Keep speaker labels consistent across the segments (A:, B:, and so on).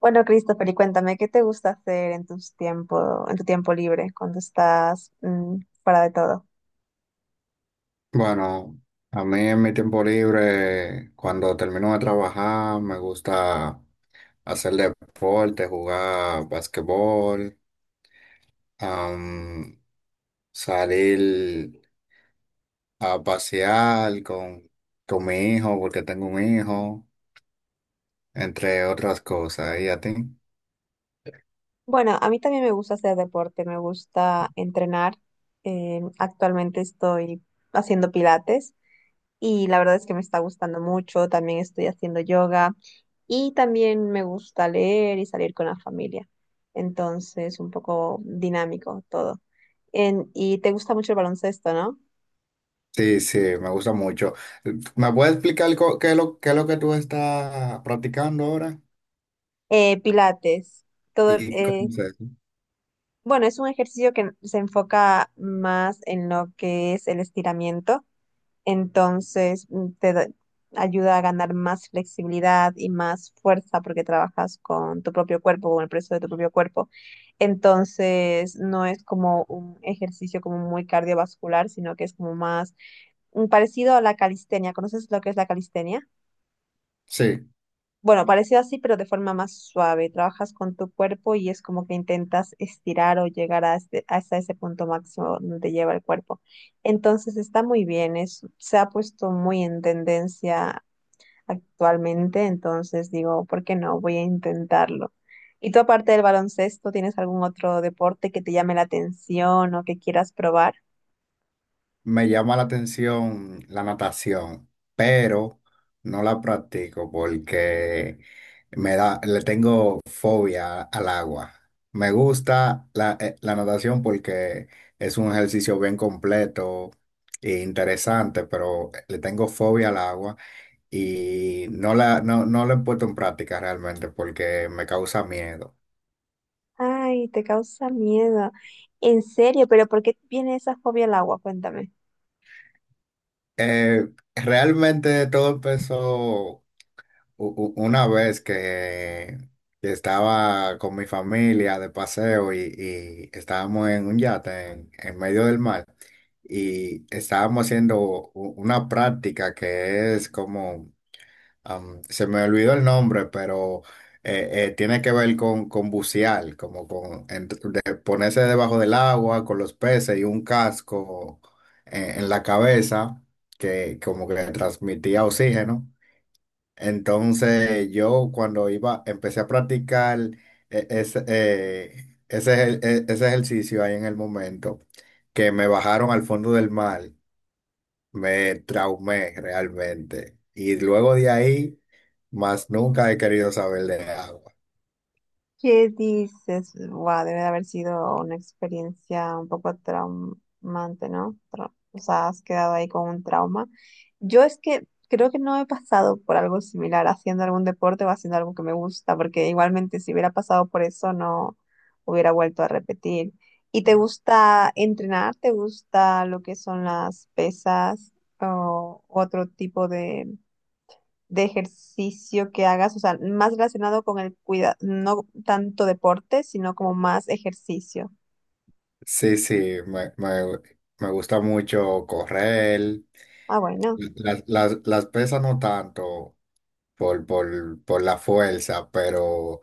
A: Bueno, Christopher, y cuéntame, ¿qué te gusta hacer en tu tiempo libre, cuando estás fuera de todo?
B: Bueno, a mí en mi tiempo libre, cuando termino de trabajar, me gusta hacer deporte, jugar basquetbol, am, salir a pasear con mi hijo, porque tengo un hijo, entre otras cosas. ¿Y a ti?
A: Bueno, a mí también me gusta hacer deporte, me gusta entrenar. Actualmente estoy haciendo pilates y la verdad es que me está gustando mucho. También estoy haciendo yoga y también me gusta leer y salir con la familia. Entonces, un poco dinámico todo. ¿Y te gusta mucho el baloncesto, no?
B: Sí, sí, me gusta mucho. ¿Me puedes explicar qué es qué es lo que tú estás practicando ahora?
A: Pilates, todo,
B: ¿Y cómo es eso?
A: bueno, es un ejercicio que se enfoca más en lo que es el estiramiento, entonces ayuda a ganar más flexibilidad y más fuerza porque trabajas con tu propio cuerpo, con el peso de tu propio cuerpo. Entonces, no es como un ejercicio como muy cardiovascular, sino que es como más parecido a la calistenia. ¿Conoces lo que es la calistenia?
B: Sí.
A: Bueno, parecido así, pero de forma más suave. Trabajas con tu cuerpo y es como que intentas estirar o llegar a hasta ese punto máximo donde lleva el cuerpo. Entonces está muy bien, es, se ha puesto muy en tendencia actualmente, entonces digo, ¿por qué no? Voy a intentarlo. ¿Y tú aparte del baloncesto, tienes algún otro deporte que te llame la atención o que quieras probar?
B: Me llama la atención la natación, pero no la practico porque me da, le tengo fobia al agua. Me gusta la natación porque es un ejercicio bien completo e interesante, pero le tengo fobia al agua y no la he puesto en práctica realmente porque me causa miedo.
A: Ay, te causa miedo. En serio, pero ¿por qué viene esa fobia al agua? Cuéntame.
B: Eh, realmente todo empezó. Una vez que estaba con mi familia de paseo y estábamos en un yate en medio del mar y estábamos haciendo una práctica que es como, se me olvidó el nombre, pero tiene que ver con bucear, como con de ponerse debajo del agua con los peces y un casco en la cabeza que como que transmitía oxígeno. Entonces yo cuando iba, empecé a practicar eh, ese, eh, ese, ese ejercicio ahí en el momento, que me bajaron al fondo del mar, me traumé realmente. Y luego de ahí, más nunca he querido saber de agua.
A: ¿Qué dices? Wow, debe de haber sido una experiencia un poco traumante, ¿no? O sea, has quedado ahí con un trauma. Yo es que creo que no he pasado por algo similar haciendo algún deporte o haciendo algo que me gusta, porque igualmente si hubiera pasado por eso no hubiera vuelto a repetir. ¿Y te gusta entrenar? ¿Te gusta lo que son las pesas o otro tipo de ejercicio que hagas, o sea, más relacionado con el cuidado, no tanto deporte, sino como más ejercicio?
B: Sí, sí, me, me- me gusta mucho correr.
A: Ah, bueno,
B: Las pesas no tanto por la fuerza, pero...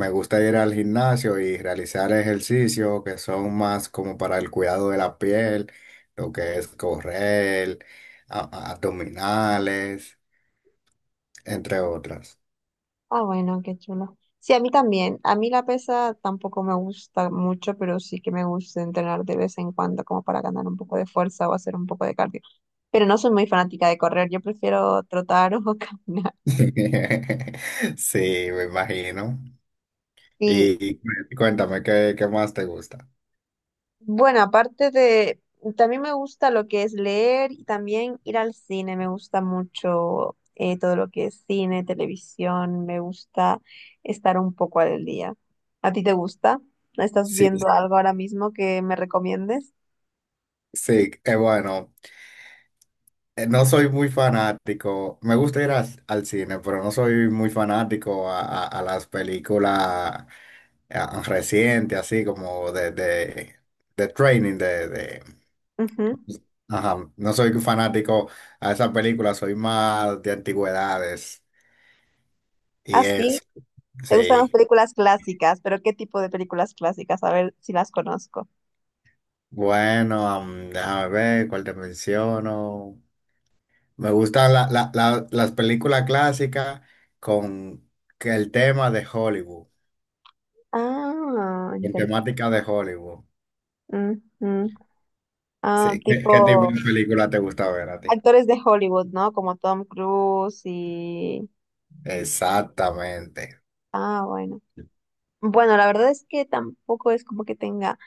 B: Me gusta ir al gimnasio y realizar ejercicios que son más como para el cuidado de la piel, lo que es correr, a- abdominales, entre otras.
A: ah, bueno, qué chulo. Sí, a mí también. A mí la pesa tampoco me gusta mucho, pero sí que me gusta entrenar de vez en cuando como para ganar un poco de fuerza o hacer un poco de cardio. Pero no soy muy fanática de correr, yo prefiero trotar o caminar.
B: Sí, me imagino. Y cuéntame, ¿ qué más te gusta?
A: Bueno, aparte de, también me gusta lo que es leer y también ir al cine, me gusta mucho todo lo que es cine, televisión, me gusta estar un poco al día. ¿A ti te gusta? ¿Estás
B: Sí,
A: viendo algo ahora mismo que me recomiendes?
B: sí, bueno, no soy muy fanático. Me gusta ir al cine, pero no soy muy fanático a las películas reciente, así como de training,
A: Ujú.
B: ajá. No soy fanático a esa película, soy más de antigüedades
A: Ah,
B: y
A: sí,
B: eso,
A: te gustan las
B: sí.
A: películas clásicas, pero ¿qué tipo de películas clásicas? A ver si las conozco.
B: Bueno, déjame ver cuál te menciono. Me gustan las películas clásicas con que el tema de Hollywood,
A: Ah,
B: con
A: interesante.
B: temática de Hollywood.
A: Ah,
B: Sí, ¿
A: tipo
B: qué tipo de película te gusta ver a ti?
A: actores de Hollywood, ¿no? Como Tom Cruise y...
B: Exactamente.
A: Ah, bueno. Bueno, la verdad es que tampoco es como que tenga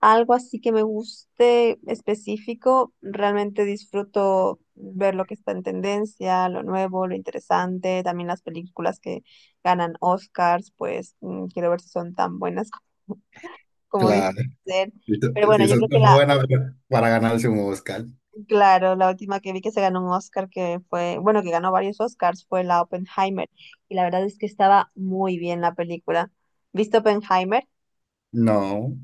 A: algo así que me guste específico. Realmente disfruto ver lo que está en tendencia, lo nuevo, lo interesante. También las películas que ganan Oscars, pues quiero ver si son tan buenas como, como dicen
B: Claro.
A: ser. Pero
B: Sí,
A: bueno,
B: eso
A: yo
B: es
A: creo que
B: muy
A: la,
B: buena para ganarse un Oscar.
A: claro, la última que vi que se ganó un Oscar, que fue, bueno, que ganó varios Oscars, fue la Oppenheimer. Y la verdad es que estaba muy bien la película. ¿Viste Oppenheimer?
B: No,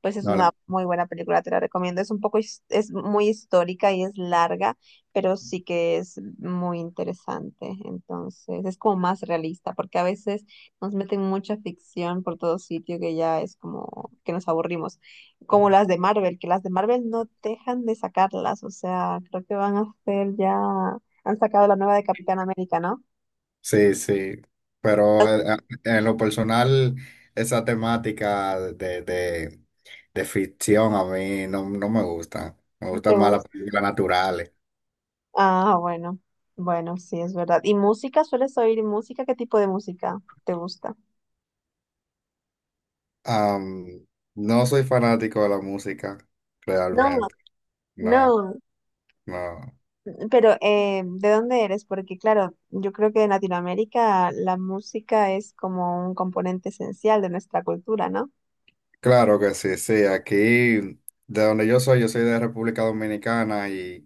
A: Pues es
B: no, la-
A: una muy buena película, te la recomiendo. Es un poco, es muy histórica y es larga, pero sí que es muy interesante. Entonces, es como más realista, porque a veces nos meten mucha ficción por todo sitio que ya es como que nos aburrimos. Como las de Marvel, que las de Marvel no dejan de sacarlas, o sea, creo que van a hacer ya, han sacado la nueva de Capitán América, ¿no?
B: sí, sí. Pero en lo personal, esa temática de ficción a mí no, no me gusta. Me
A: ¿No, te
B: gustan más las
A: gusta?
B: películas naturales.
A: Ah, bueno, bueno, sí, es verdad. ¿Y música? ¿Sueles oír música? ¿Qué tipo de música te gusta?
B: Am, no soy fanático de la música,
A: No,
B: realmente. No,
A: no,
B: no.
A: pero ¿de dónde eres? Porque claro, yo creo que en Latinoamérica la música es como un componente esencial de nuestra cultura, ¿no?
B: Claro que sí, sí. Aquí, de donde yo soy de República Dominicana y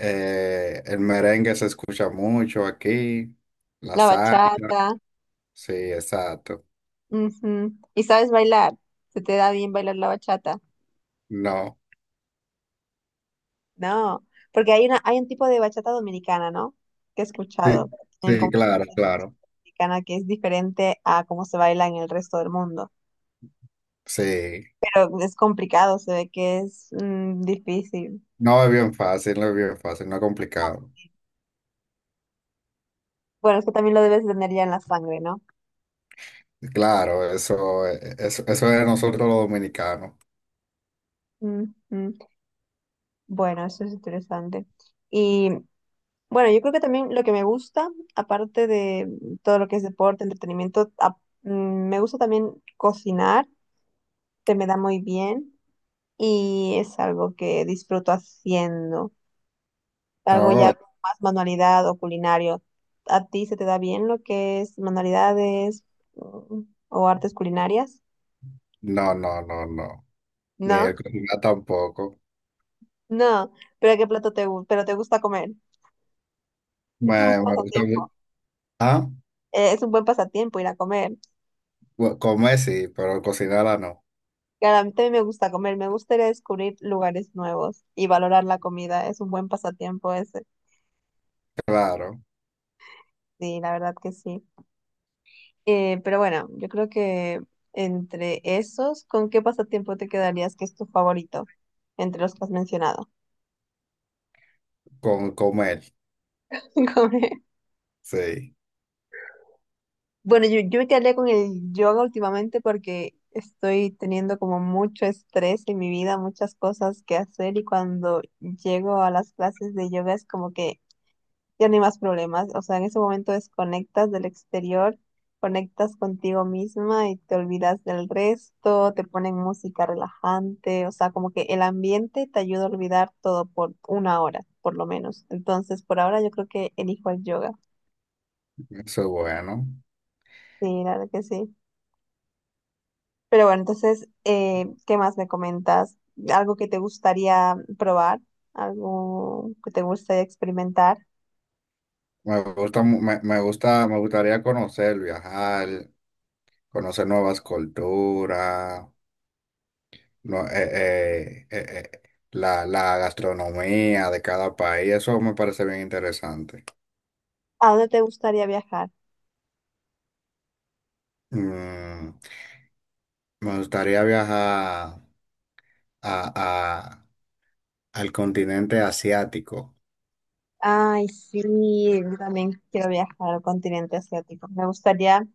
B: el merengue se escucha mucho aquí, la
A: La
B: salsa,
A: bachata.
B: sí, exacto.
A: Ujú. ¿Y sabes bailar? ¿Se te da bien bailar la bachata?
B: No,
A: No, porque hay una, hay un tipo de bachata dominicana, ¿no? Que he escuchado
B: sí,
A: en como-
B: sí, claro,
A: en bachata
B: claro,
A: dominicana que es diferente a cómo se baila en el resto del mundo.
B: sí.
A: Pero es complicado, se ve que es difícil.
B: No es bien fácil, no es bien fácil, no es complicado.
A: Bueno, es que también lo debes tener ya en la sangre, ¿no?
B: Claro, eso es de nosotros los dominicanos.
A: Ujú. Bueno, eso es interesante. Y bueno, yo creo que también lo que me gusta, aparte de todo lo que es deporte, entretenimiento, me gusta también cocinar, se me da muy bien y es algo que disfruto haciendo, algo ya
B: Oh,
A: con más manualidad o culinario. ¿A ti se te da bien lo que es manualidades, mm, o artes culinarias?
B: no, no, no, no, ni el
A: No,
B: cocinar tampoco.
A: no, pero ¿qué plato te gusta? Pero te gusta comer. Es
B: Me,
A: un
B: me gusta
A: pasatiempo.
B: mu- Ah,
A: Es un buen pasatiempo ir a comer.
B: comer sí, pero cocinarla no.
A: Claro, a mí también me gusta comer, me gustaría descubrir lugares nuevos y valorar la comida. Es un buen pasatiempo ese,
B: Claro,
A: sí, la verdad que sí. Pero bueno, yo creo que entre esos, ¿con qué pasatiempo te quedarías que es tu favorito entre los que has mencionado?
B: con comer,
A: Comer.
B: sí,
A: Bueno, yo me quedaría con el yoga últimamente porque estoy teniendo como mucho estrés en mi vida, muchas cosas que hacer y cuando llego a las clases de yoga es como que ya no hay más problemas. O sea, en ese momento desconectas del exterior, conectas contigo misma y te olvidas del resto, te ponen música relajante, o sea, como que el ambiente te ayuda a olvidar todo por una hora, por lo menos. Entonces, por ahora yo creo que elijo el yoga.
B: eso es bueno.
A: Sí, la verdad que sí. Pero bueno, entonces, ¿qué más me comentas? ¿Algo que te gustaría probar? ¿Algo que te gustaría experimentar?
B: Me gusta, me gusta, me gustaría conocer, viajar, conocer nuevas culturas, no- eh, eh, eh, eh, la gastronomía de cada país, eso me parece bien interesante.
A: ¿A dónde te gustaría viajar?
B: Mm, me gustaría viajar a, a- al continente asiático.
A: Ay, sí, yo también quiero viajar al continente asiático. Me gustaría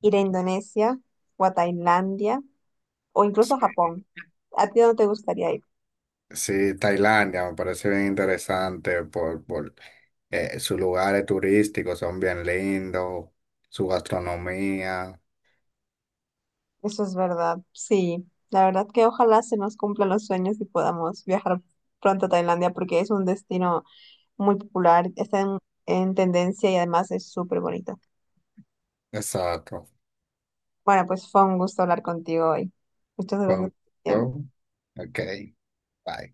A: ir a Indonesia o a Tailandia o incluso
B: Sí,
A: a Japón. ¿A ti no te gustaría ir?
B: sí, Tailandia me parece bien interesante por sus lugares turísticos son bien lindos, su gastronomía.
A: Eso es verdad, sí. La verdad que ojalá se nos cumplan los sueños y podamos viajar pronto a Tailandia porque es un destino muy popular, está en tendencia y además es súper bonito.
B: Exacto.
A: Bueno, pues fue un gusto hablar contigo hoy. Muchas
B: Fue
A: gracias por
B: un-
A: tu tiempo.
B: show. Ok, bye.